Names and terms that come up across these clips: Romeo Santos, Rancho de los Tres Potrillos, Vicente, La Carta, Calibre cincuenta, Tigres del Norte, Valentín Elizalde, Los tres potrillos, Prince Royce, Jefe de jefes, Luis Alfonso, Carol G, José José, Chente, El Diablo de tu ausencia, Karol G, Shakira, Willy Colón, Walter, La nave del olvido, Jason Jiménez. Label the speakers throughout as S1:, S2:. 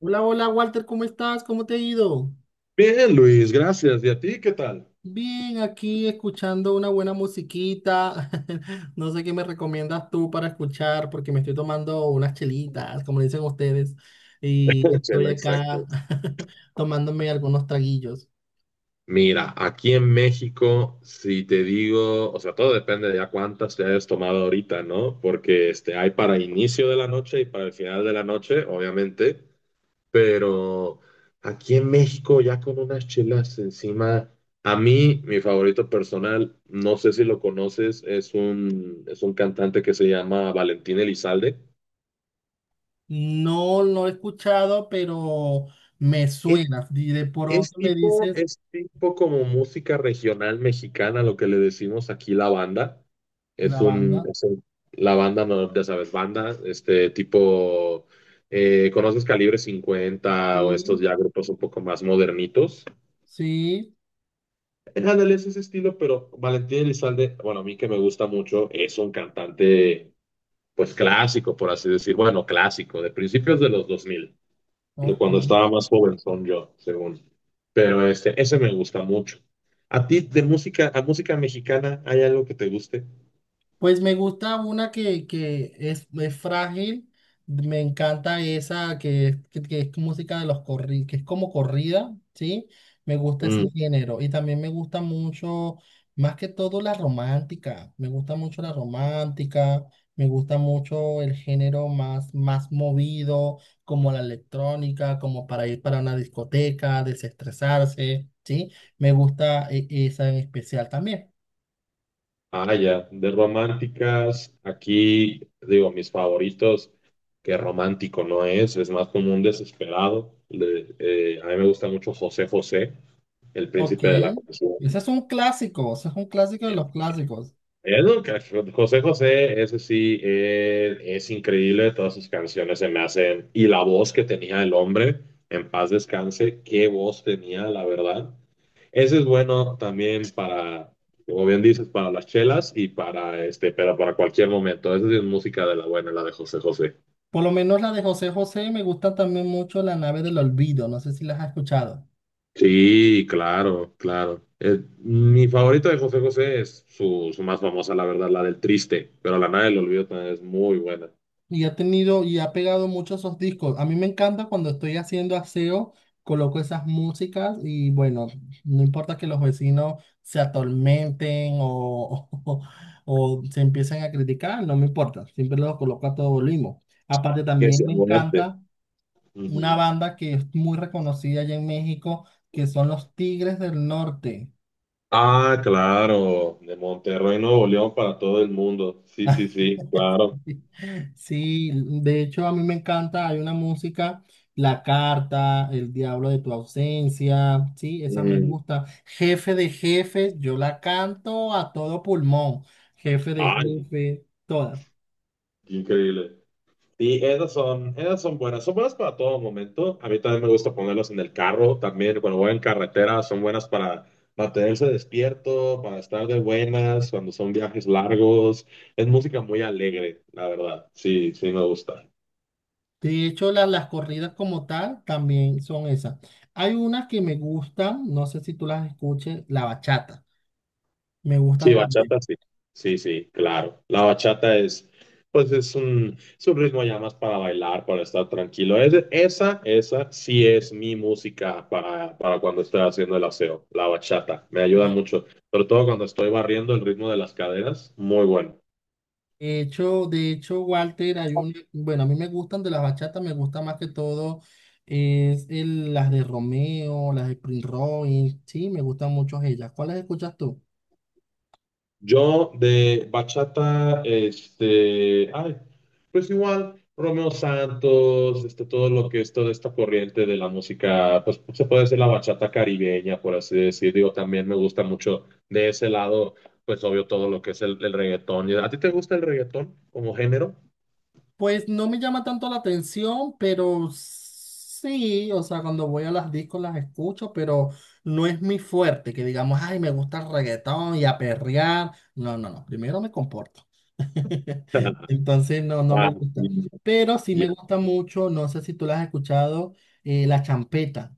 S1: Hola, hola Walter, ¿cómo estás? ¿Cómo te ha ido?
S2: Bien, Luis, gracias. ¿Y a ti qué tal?
S1: Bien, aquí escuchando una buena musiquita. No sé qué me recomiendas tú para escuchar, porque me estoy tomando unas chelitas, como le dicen ustedes, y estoy
S2: Chela, exacto.
S1: acá tomándome algunos traguillos.
S2: Mira, aquí en México, si te digo, o sea, todo depende de a cuántas te hayas tomado ahorita, ¿no? Porque hay para inicio de la noche y para el final de la noche, obviamente, pero aquí en México ya con unas chelas encima, a mí, mi favorito personal, no sé si lo conoces, es un cantante que se llama Valentín Elizalde.
S1: No he escuchado, pero me suena. Y de
S2: Es
S1: pronto me
S2: tipo,
S1: dices
S2: es tipo como música regional mexicana, lo que le decimos aquí la banda. Es
S1: la
S2: un,
S1: banda.
S2: es un- la banda, no, ya sabes, banda, este tipo, ¿conoces Calibre 50 o estos
S1: Sí,
S2: ya grupos un poco más modernitos?
S1: sí,
S2: Ándale, es ese estilo, pero Valentín Elizalde, bueno, a mí que me gusta mucho, es un cantante, pues clásico, por así decir, bueno, clásico, de principios de los 2000, de
S1: ok.
S2: cuando estaba más joven son yo, según. Pero ese me gusta mucho. ¿A ti de música, a música mexicana, hay algo que te guste?
S1: Pues me gusta una que es frágil, me encanta esa que es música de los corridos, que es como corrida, ¿sí? Me gusta ese
S2: Mm.
S1: género y también me gusta mucho, más que todo la romántica, me gusta mucho la romántica, me gusta mucho el género más, más movido, como la electrónica, como para ir para una discoteca, desestresarse, ¿sí? Me gusta esa en especial también.
S2: Ah, ya, de románticas, aquí digo, mis favoritos, que romántico no es, es más como un desesperado. A mí me gusta mucho José José, el
S1: Ok,
S2: príncipe de la canción.
S1: ese es un clásico, ese es un clásico de los clásicos.
S2: Es lo que- José José, ese sí, es increíble, todas sus canciones se me hacen, y la voz que tenía el hombre, en paz descanse, qué voz tenía, la verdad. Ese es bueno también para, como bien dices, para las chelas y para pero para cualquier momento. Esa sí es música de la buena, la de José José.
S1: Por lo menos la de José José me gusta también mucho La nave del olvido, no sé si las has escuchado.
S2: Sí, claro, claro. Mi favorita de José José es su más famosa, la verdad, la del triste, pero la nada del olvido también es muy buena.
S1: Y ha tenido y ha pegado mucho esos discos. A mí me encanta cuando estoy haciendo aseo, coloco esas músicas y bueno, no importa que los vecinos se atormenten o, o se empiecen a criticar, no me importa, siempre los coloco a todo volumen. Aparte
S2: Que
S1: también
S2: se
S1: me
S2: aguante.
S1: encanta una banda que es muy reconocida allá en México, que son los Tigres del Norte.
S2: Ah, claro, de Monterrey, Nuevo León para todo el mundo. Sí, sí, sí, claro.
S1: Sí, de hecho a mí me encanta, hay una música, La Carta, El Diablo de tu ausencia, sí, esa me
S2: Mm.
S1: gusta. Jefe de jefes, yo la canto a todo pulmón, jefe de
S2: Ay,
S1: Jefes todas.
S2: qué increíble. Sí, esas son buenas. Son buenas para todo momento. A mí también me gusta ponerlas en el carro, también cuando voy en carretera, son buenas para mantenerse despierto, para estar de buenas, cuando son viajes largos. Es música muy alegre, la verdad. Sí, sí, me gusta.
S1: De hecho, las corridas como tal también son esas. Hay unas que me gustan, no sé si tú las escuches, la bachata, me gustan
S2: Sí,
S1: también.
S2: bachata, sí. Sí, sí, claro. La bachata es, pues es un ritmo ya más para bailar, para estar tranquilo. Esa, esa sí es mi música para cuando estoy haciendo el aseo. La bachata me ayuda mucho, sobre todo cuando estoy barriendo el ritmo de las caderas. Muy bueno.
S1: De hecho, Walter, hay un, bueno, a mí me gustan de las bachatas, me gusta más que todo las de Romeo, las de Prince Royce, sí, me gustan mucho ellas. ¿Cuáles escuchas tú?
S2: Yo de bachata, ay, pues igual, Romeo Santos, todo lo que es toda esta corriente de la música, pues se puede decir la bachata caribeña, por así decir, digo, también me gusta mucho de ese lado, pues obvio todo lo que es el reggaetón. ¿A ti te gusta el reggaetón como género?
S1: Pues no me llama tanto la atención, pero sí, o sea, cuando voy a las discos las escucho, pero no es mi fuerte, que digamos, ay, me gusta el reggaetón y a perrear. No, no, no, primero me comporto. Entonces no, no me
S2: Ah, sí,
S1: gusta. Pero sí
S2: ya.
S1: me gusta mucho, no sé si tú la has escuchado, la champeta.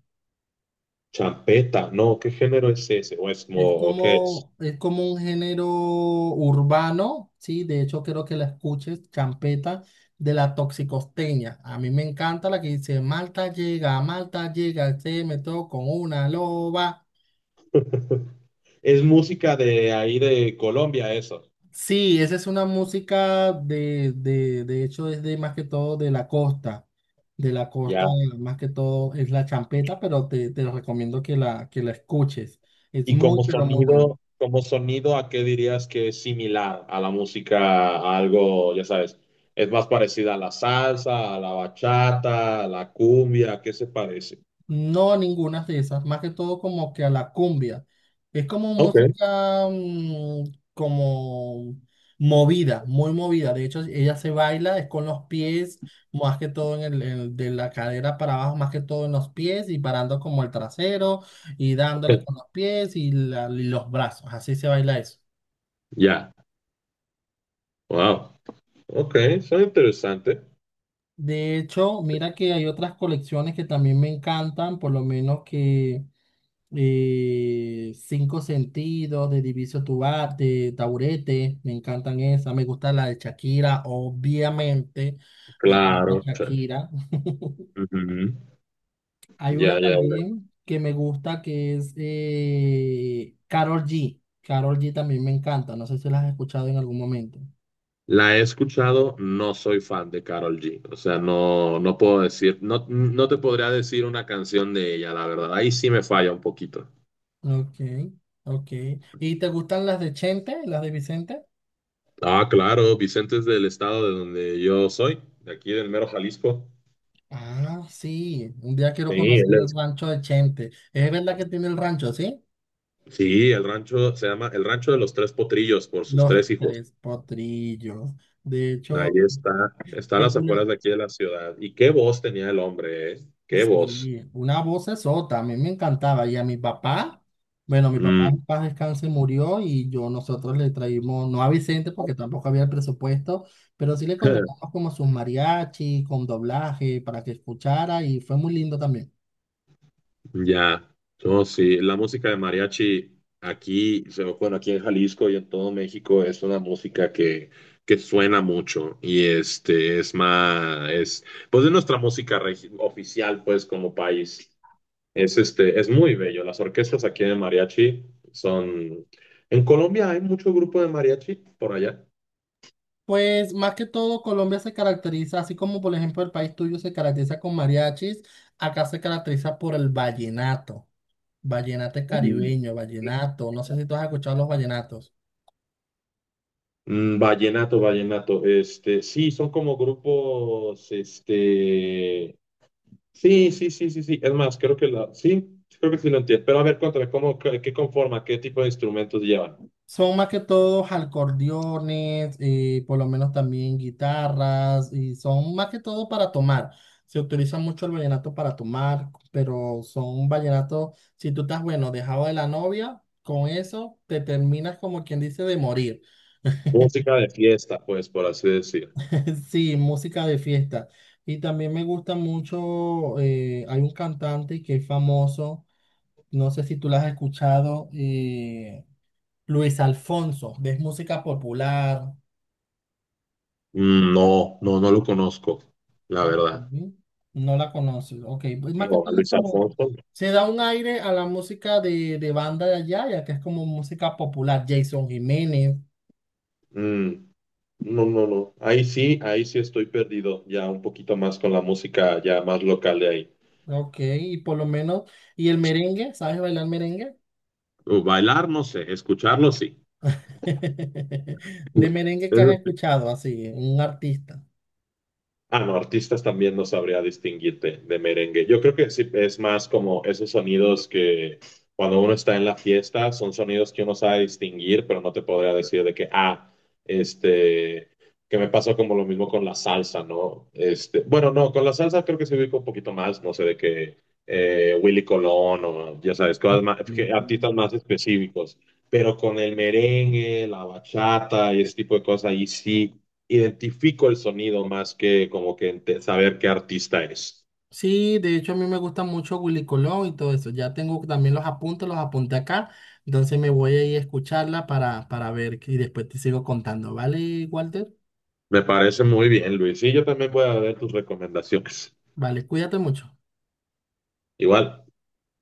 S2: Champeta, no, ¿qué género es ese?
S1: Es
S2: ¿O qué es?
S1: como, es como un género urbano, sí, de hecho creo que la escuches, champeta de la toxicosteña. A mí me encanta la que dice, Malta llega, se me con una loba.
S2: Es música de ahí de Colombia, eso.
S1: Sí, esa es una música de hecho es de más que todo de la costa más que todo es la champeta, pero te recomiendo que la escuches. Es
S2: Y
S1: muy,
S2: como
S1: pero muy buena.
S2: sonido, ¿a qué dirías que es similar a la música, a algo, ya sabes, es más parecida a la salsa, a la bachata, a la cumbia, ¿a qué se parece?
S1: No, ninguna de esas, más que todo como que a la cumbia. Es como
S2: Ok.
S1: música como movida, muy movida. De hecho, ella se baila, es con los pies, más que todo de la cadera para abajo, más que todo en los pies y parando como el trasero y dándole con los pies y los brazos. Así se baila eso.
S2: Ya. Wow. Ok, son interesante.
S1: De hecho, mira que hay otras colecciones que también me encantan, por lo menos que... Cinco Sentidos, de de Taburete, me encantan esas, me gusta la de Shakira, obviamente, me encanta
S2: Claro, sí.
S1: Shakira.
S2: Ujú.
S1: Hay una
S2: Ya, ya, ya.
S1: también que me gusta que es Karol G. Karol G también me encanta, no sé si las has escuchado en algún momento.
S2: La he escuchado, no soy fan de Carol G. O sea, no, no puedo decir, no, no te podría decir una canción de ella, la verdad. Ahí sí me falla un poquito.
S1: Ok, ok. ¿Y te gustan las de Chente, las de Vicente?
S2: Ah, claro, Vicente es del estado de donde yo soy, de aquí del mero Jalisco.
S1: Ah, sí, un día quiero
S2: Sí,
S1: conocer
S2: él
S1: el
S2: es.
S1: rancho de Chente. ¿Es verdad que tiene el rancho, sí?
S2: Sí, el rancho se llama el Rancho de los Tres Potrillos por sus
S1: Los
S2: tres hijos.
S1: tres potrillos. De
S2: Ahí
S1: hecho,
S2: está, está a las
S1: tengo una,
S2: afueras de aquí de la ciudad. Y qué voz tenía el hombre, ¿eh? Qué voz.
S1: sí, una voz sota, a mí me encantaba. Y a mi papá, bueno, mi papá
S2: Mm.
S1: en paz descanse murió y yo nosotros le traímos, no a Vicente porque tampoco había el presupuesto, pero sí le contratamos como sus mariachi, con doblaje para que escuchara y fue muy lindo también.
S2: Ya, no, sí, la música de mariachi aquí, o sea, bueno, aquí en Jalisco y en todo México es una música que suena mucho y este es más, es pues de nuestra música oficial, pues como país, es es muy bello. Las orquestas aquí de mariachi son, en Colombia hay mucho grupo de mariachi por allá.
S1: Pues más que todo, Colombia se caracteriza, así como por ejemplo el país tuyo se caracteriza con mariachis, acá se caracteriza por el vallenato. Vallenato
S2: Mm.
S1: caribeño, vallenato. No sé si tú has escuchado los vallenatos.
S2: Mm, vallenato, sí, son como grupos, este. Sí, sí, sí, sí, sí. Es más, creo que la, sí, creo que sí lo entiendo. Pero a ver, cuéntame, ¿cómo, qué conforma, qué tipo de instrumentos llevan?
S1: Son más que todos acordeones, por lo menos también guitarras, y son más que todo para tomar. Se utiliza mucho el vallenato para tomar, pero son vallenatos, si tú estás, bueno, dejado de la novia, con eso te terminas como quien dice de morir.
S2: Música de fiesta, pues, por así decir.
S1: Sí, música de fiesta. Y también me gusta mucho, hay un cantante que es famoso, no sé si tú lo has escuchado, Luis Alfonso, de es música popular.
S2: Mm, no, no, no lo conozco, la verdad.
S1: Ujú. No la conoces, ok. Pues más que
S2: No, a
S1: todo es
S2: Luis
S1: como,
S2: Alfonso.
S1: se da un aire a la música de banda de allá, ya que es como música popular. Jason Jiménez,
S2: Mm, no, no, no. Ahí sí estoy perdido, ya un poquito más con la música ya más local de ahí.
S1: ok, y por lo menos, ¿y el merengue? ¿Sabes bailar merengue?
S2: Bailar, no sé, escucharlo sí.
S1: De merengue que has escuchado, así, un artista.
S2: Ah, no, artistas también no sabría distinguirte de merengue. Yo creo que sí, es más como esos sonidos que cuando uno está en la fiesta son sonidos que uno sabe distinguir, pero no te podría decir de que, ah, este, que me pasó como lo mismo con la salsa, ¿no? Bueno, no, con la salsa creo que se ubica un poquito más, no sé, de que Willy Colón o ya sabes, cosas más,
S1: Willy
S2: que artistas
S1: Colón.
S2: más específicos. Pero con el merengue, la bachata y ese tipo de cosas, ahí sí identifico el sonido más que como que saber qué artista es.
S1: Sí, de hecho a mí me gusta mucho Willy Colón y todo eso. Ya tengo también los apuntes, los apunté acá. Entonces me voy a ir a escucharla para ver y después te sigo contando. ¿Vale, Walter?
S2: Me parece muy bien, Luis. Y yo también voy a ver tus recomendaciones.
S1: Vale, cuídate mucho.
S2: Igual.